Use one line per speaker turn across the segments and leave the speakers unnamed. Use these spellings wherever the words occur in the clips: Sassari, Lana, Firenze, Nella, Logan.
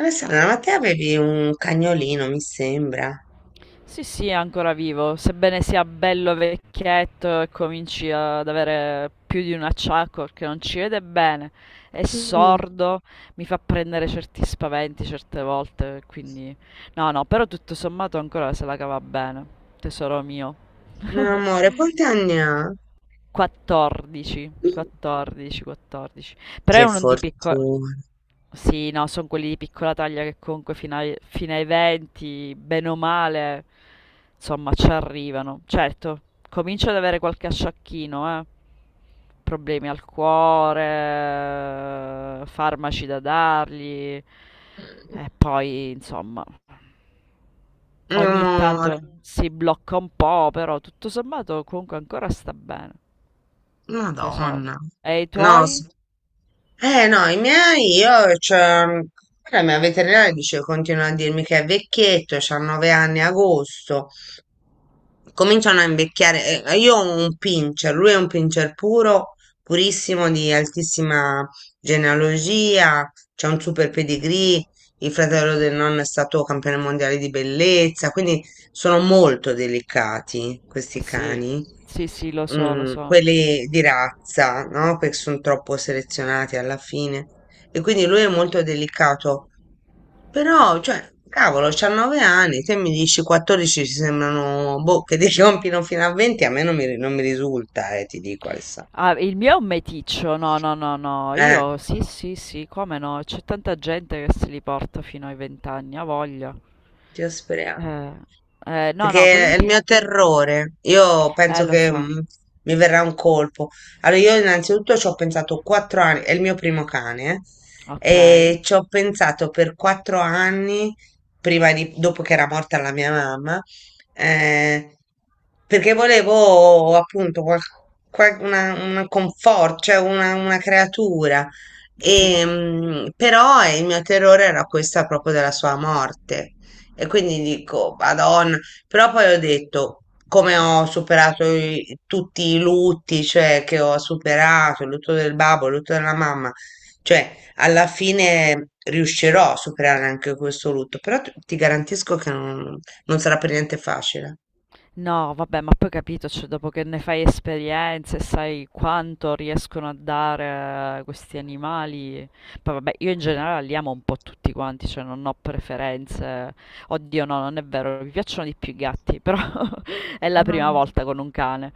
Alessandra, ma te avevi un cagnolino, mi sembra.
Sì, sì, è ancora vivo, sebbene sia bello vecchietto e cominci ad avere più di un acciacco perché non ci vede bene, è
Mm.
sordo, mi fa prendere certi spaventi certe volte, quindi no, no, però tutto sommato ancora se la cava bene, tesoro mio.
Amore, quanti anni ha?
14, 14, 14. Però è
Che
uno di piccola...
fortuna.
Sì, no, sono quelli di piccola taglia che comunque fino ai 20, bene o male, insomma, ci arrivano. Certo, comincio ad avere qualche asciacchino, Problemi al cuore, farmaci da dargli. E poi, insomma, ogni
Amore,
tanto si blocca un po', però tutto sommato comunque ancora sta bene. Tesoro.
Madonna.
E i
No,
tuoi?
eh no, i miei, io, cioè, guarda, la mia veterinaria dice, continua a dirmi che è vecchietto, c'ha 9 anni a agosto. Cominciano a invecchiare. Io ho un pincher, lui è un pincher puro, purissimo, di altissima genealogia, c'è un super
Ok,
pedigree, il
ok.
fratello del nonno è stato campione mondiale di bellezza, quindi sono molto delicati questi
Sì,
cani.
sì, sì, lo so, lo so.
Quelli di razza, no? Perché sono troppo selezionati alla fine. E quindi lui è molto delicato, però, cioè, cavolo, c'ha 9 anni, te mi dici 14 ci sembrano, boh, che ti compino fino a 20, a me non mi risulta, ti dico, Alessandra.
Ah, il mio è un meticcio, no, no, no, no.
Eh,
Io sì, sì, sì, come no? C'è tanta gente che se li porta fino ai vent'anni, ha voglia.
ci speriamo.
Eh, no, no, quelli
Perché
di...
è il
pi-
mio terrore. Io penso
Lo
che
so.
mi verrà un colpo. Allora, io innanzitutto ci ho pensato 4 anni, è il mio primo cane,
Ok,
e ci ho pensato per 4 anni, prima di, dopo che era morta la mia mamma, eh, perché volevo appunto una confort, cioè una creatura.
sì.
E, però il mio terrore era questa proprio della sua morte. E quindi dico, Madonna, però poi ho detto, come ho superato tutti i lutti, cioè che ho superato, il lutto del babbo, il lutto della mamma, cioè alla fine riuscirò a superare anche questo lutto, però ti garantisco che non sarà per niente facile.
No, vabbè, ma poi capito, cioè, dopo che ne fai esperienze, sai quanto riescono a dare questi animali. Poi vabbè, io in generale li amo un po' tutti quanti, cioè non ho preferenze. Oddio, no, non è vero, mi piacciono di più i gatti, però è la prima
Mhm.
volta con un cane.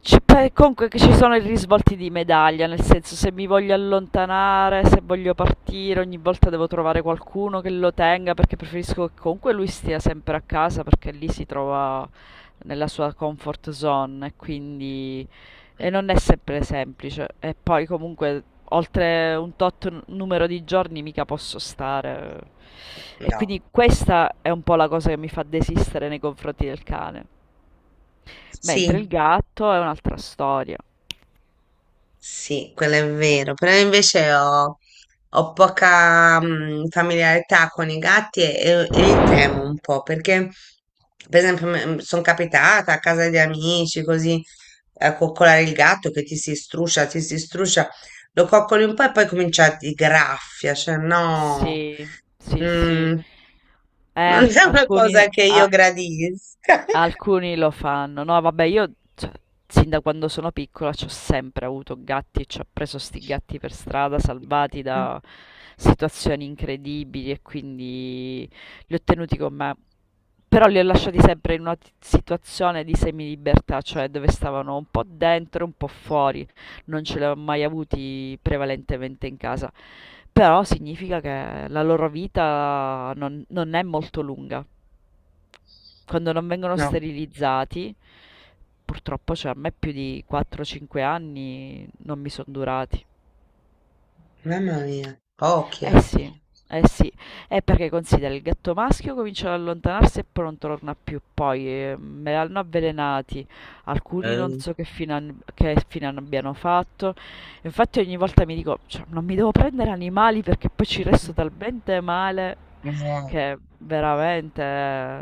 Cioè, beh, comunque che ci sono i risvolti di medaglia, nel senso se mi voglio allontanare, se voglio partire, ogni volta devo trovare qualcuno che lo tenga perché preferisco che comunque lui stia sempre a casa perché lì si trova nella sua comfort zone e quindi e non è sempre semplice. E poi comunque oltre un tot numero di giorni mica posso stare.
Mm.
E
No.
quindi questa è un po' la cosa che mi fa desistere nei confronti del cane. Mentre il
Sì.
gatto è un'altra storia.
Sì, quello è vero, però invece ho poca familiarità con i gatti e li temo un po' perché, per esempio, sono capitata a casa di amici così a coccolare il gatto che ti si struscia, lo coccoli un po' e poi comincia a ti graffia, cioè no,
Sì, sì, sì.
mm,
Eh,
non è una
alcuni
cosa che
a
io gradisca.
Alcuni lo fanno. No, vabbè, io cioè, sin da quando sono piccola ci ho sempre avuto gatti e ci ho preso sti gatti per strada, salvati da situazioni incredibili e quindi li ho tenuti con me. Però li ho lasciati sempre in una situazione di semilibertà, cioè dove stavano un po' dentro, e un po' fuori. Non ce li ho mai avuti prevalentemente in casa. Però significa che la loro vita non è molto lunga quando non vengono
No,
sterilizzati, purtroppo cioè, a me più di 4-5 anni non mi sono durati.
mamma mia, occhia.
Eh sì, eh sì, è perché considera il gatto maschio comincia ad allontanarsi e poi non torna più, poi me l'hanno avvelenati, alcuni non
Eh.
so che fine, abbiano fatto, infatti ogni volta mi dico, cioè, non mi devo prendere animali perché poi ci resto talmente male che veramente...".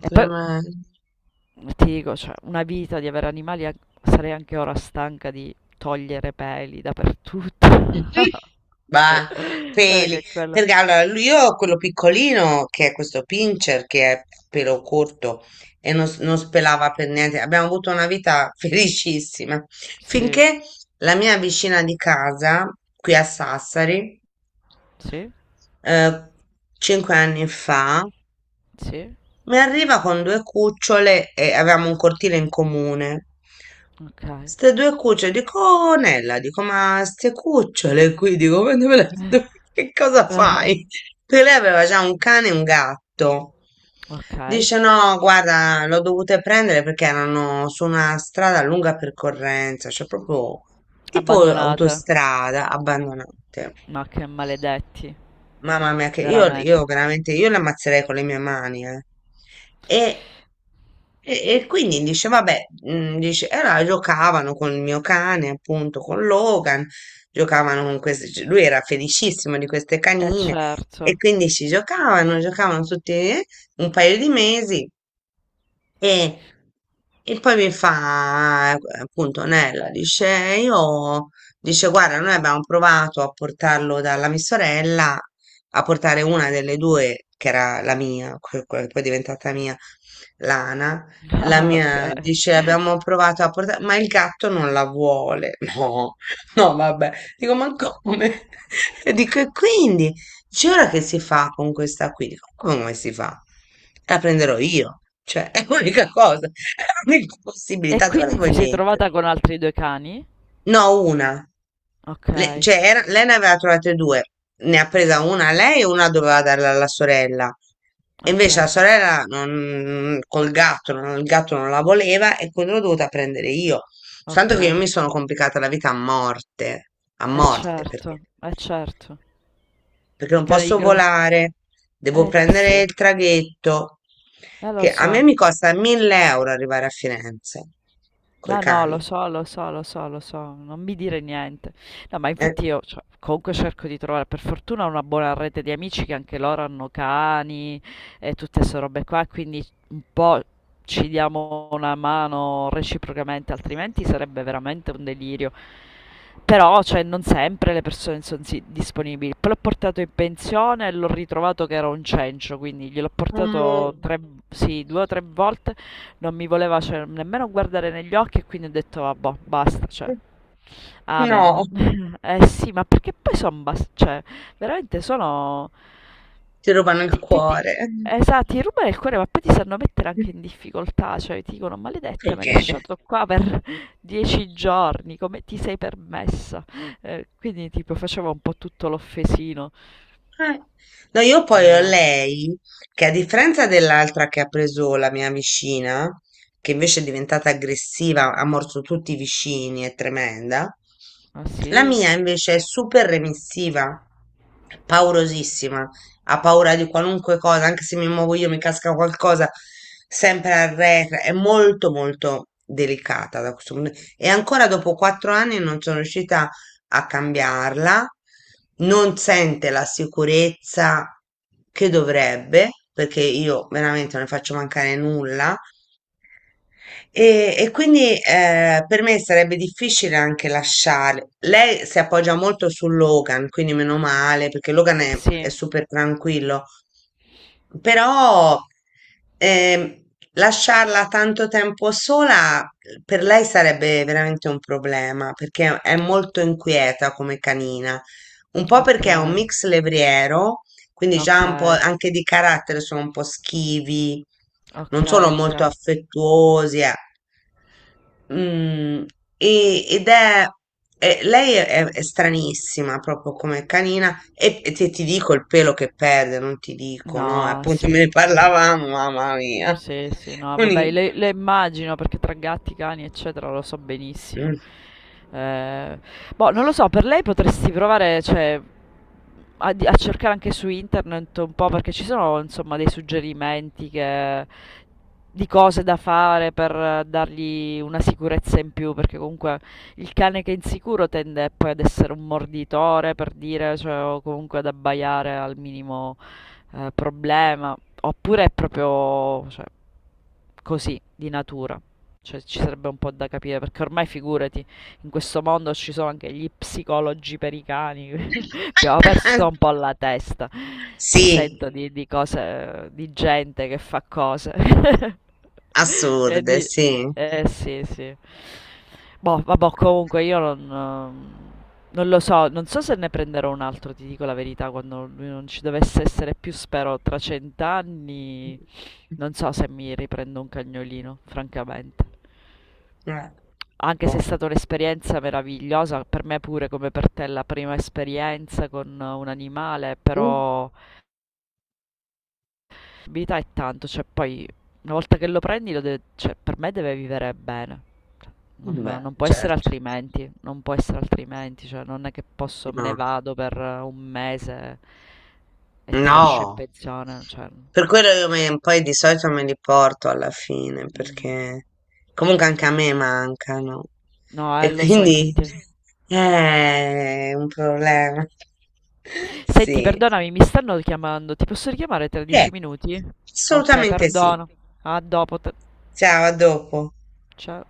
E poi
Clemen.
ti dico, cioè, una vita di avere animali, sarei anche ora stanca di togliere peli dappertutto.
Bah, peli.
Che quello.
Perché allora io ho quello piccolino che è questo pincher che è pelo corto e non spelava per niente. Abbiamo avuto una vita felicissima
Sì,
finché la mia vicina di casa, qui a Sassari,
sì,
eh, 5 anni fa.
sì,
Mi arriva con due cucciole e avevamo un cortile in comune.
ok.
Ste due cucciole, dico, "Oh, Nella, dico, ma ste cucciole qui, dico, ma dove che cosa fai? Perché lei aveva già un cane e un gatto.
Ok.
Dice, no, guarda, l'ho dovute prendere perché erano su una strada a lunga percorrenza, cioè proprio tipo
Abbandonate.
autostrada, abbandonate.
Ma che maledetti,
Mamma mia, che io
veramente.
veramente, io le ammazzerei con le mie mani, eh. E, e quindi dice, vabbè, dice, e allora giocavano con il mio cane, appunto, con Logan, giocavano con queste, cioè, lui era felicissimo di queste
Eh
canine, e
certo.
quindi ci giocavano, giocavano tutti, un paio di mesi, e, e poi mi fa, appunto, Nella dice, io, dice, guarda, noi abbiamo provato a portarlo dalla mia sorella, a portare una delle due, che era la mia, quella che poi è diventata mia, Lana, la
Ah, ok.
mia, dice, abbiamo provato a portare, ma il gatto non la vuole. No, no, vabbè. Dico, ma come? E dico, e quindi? Dice, ora che si fa con questa qui? Dico, come si fa? La prenderò io, cioè è l'unica cosa, è l'unica
E
possibilità, dove la
quindi
vuoi
ti sei
mettere?
trovata con altri due cani?
No, una.
Ok,
Cioè, lei ne aveva trovate due, ne ha presa una a lei e una doveva darla alla sorella. E
ok,
invece la sorella col gatto, il gatto non la voleva e quindi l'ho dovuta prendere io. Tanto che io
ok.
mi sono complicata la vita a
Eh
morte perché
certo, eh certo.
non
Cane di
posso
grosso...
volare, devo
Eh sì,
prendere il traghetto,
lo
che a me
so.
mi costa 1.000 euro arrivare a Firenze, coi
No, no, lo
cani.
so, lo so, lo so, lo so, non mi dire niente. No, ma
Eh,
infatti io cioè, comunque cerco di trovare per fortuna una buona rete di amici che anche loro hanno cani e tutte queste robe qua, quindi un po' ci diamo una mano reciprocamente, altrimenti sarebbe veramente un delirio. Però, cioè, non sempre le persone sono disponibili. Poi l'ho portato in pensione e l'ho ritrovato che era un cencio, quindi gliel'ho
amore,
portato tre, sì, due o tre volte. Non mi voleva cioè, nemmeno guardare negli occhi e quindi ho detto vabbè, basta, cioè,
no,
amen. Eh sì, ma perché poi sono cioè, veramente sono
ti rubano il
ti, ti, ti-
cuore.
esatto, ti rubano il cuore, ma poi ti sanno mettere anche in difficoltà, cioè ti dicono maledetta, me l'hai
Perché?
lasciato qua per 10 giorni, come ti sei permessa? Quindi tipo facevo un po' tutto l'offesino.
Eh, No, io poi ho
Tesoro.
lei, che a differenza dell'altra che ha preso la mia vicina, che invece è diventata aggressiva, ha morso tutti i vicini, è tremenda,
Ah
la
sì?
mia invece è super remissiva, paurosissima, ha paura di qualunque cosa, anche se mi muovo io mi casca qualcosa, sempre arretra, è molto molto delicata da questo punto. E ancora dopo 4 anni non sono riuscita a cambiarla, non sente la sicurezza che dovrebbe, perché io veramente non ne faccio mancare nulla, e quindi, per me sarebbe difficile anche lasciare. Lei si appoggia molto su Logan, quindi meno male, perché Logan è
Sì,
super tranquillo. Però ehm, lasciarla tanto tempo sola per lei sarebbe veramente un problema, perché è molto inquieta come canina. Un po'
ok,
perché è un mix levriero, quindi
ok,
già un po' anche di carattere sono un po' schivi,
ok,
non sono
ok.
molto affettuosi. Mm, Ed è, lei è stranissima proprio come canina, e, e ti dico il pelo che perde, non ti dico, no?
No,
Appunto me
sì.
ne
Allora.
parlavamo, mamma mia.
Sì, sì, no, vabbè,
Uni-
le immagino perché tra gatti, cani, eccetera, lo so
Mm.
benissimo. Eh, boh, non lo so, per lei potresti provare, cioè, a, a cercare anche su internet un po' perché ci sono, insomma, dei suggerimenti che, di cose da fare per dargli una sicurezza in più, perché comunque il cane che è insicuro tende poi ad essere un morditore, per dire, cioè, o comunque ad abbaiare al minimo problema. Oppure è proprio, cioè, così, di natura. Cioè, ci sarebbe un po' da capire, perché ormai figurati, in questo mondo ci sono anche gli psicologi per i cani. Abbiamo perso un po' la testa. Cioè, sento
Sì,
di cose, di gente che fa cose. E
assurde, sì.
eh sì, sì. Boh, vabbè, comunque io non, non lo so, non so se ne prenderò un altro, ti dico la verità, quando lui non ci dovesse essere più, spero tra cent'anni, non so se mi riprendo un cagnolino, francamente.
Eh,
Anche se è
boh.
stata un'esperienza meravigliosa, per me pure come per te la prima esperienza con un animale,
Mm.
però vita è tanto, cioè poi una volta che lo prendi, cioè, per me deve vivere bene. Cioè, non,
Beh,
non può essere
certo.
altrimenti, non può essere altrimenti, cioè non è che posso, me ne
No.
vado per un mese e ti lascio in
No,
pensione, cioè,
per quello io me, poi di solito me li porto alla fine,
mm.
perché comunque anche a me mancano.
No,
E
lo so,
quindi
infatti.
è un problema.
Senti,
Sì,
perdonami, mi stanno chiamando, ti posso richiamare tra
eh,
10 minuti? Ok,
assolutamente sì.
perdono. A dopo. Te-
Ciao, a dopo.
Ciao.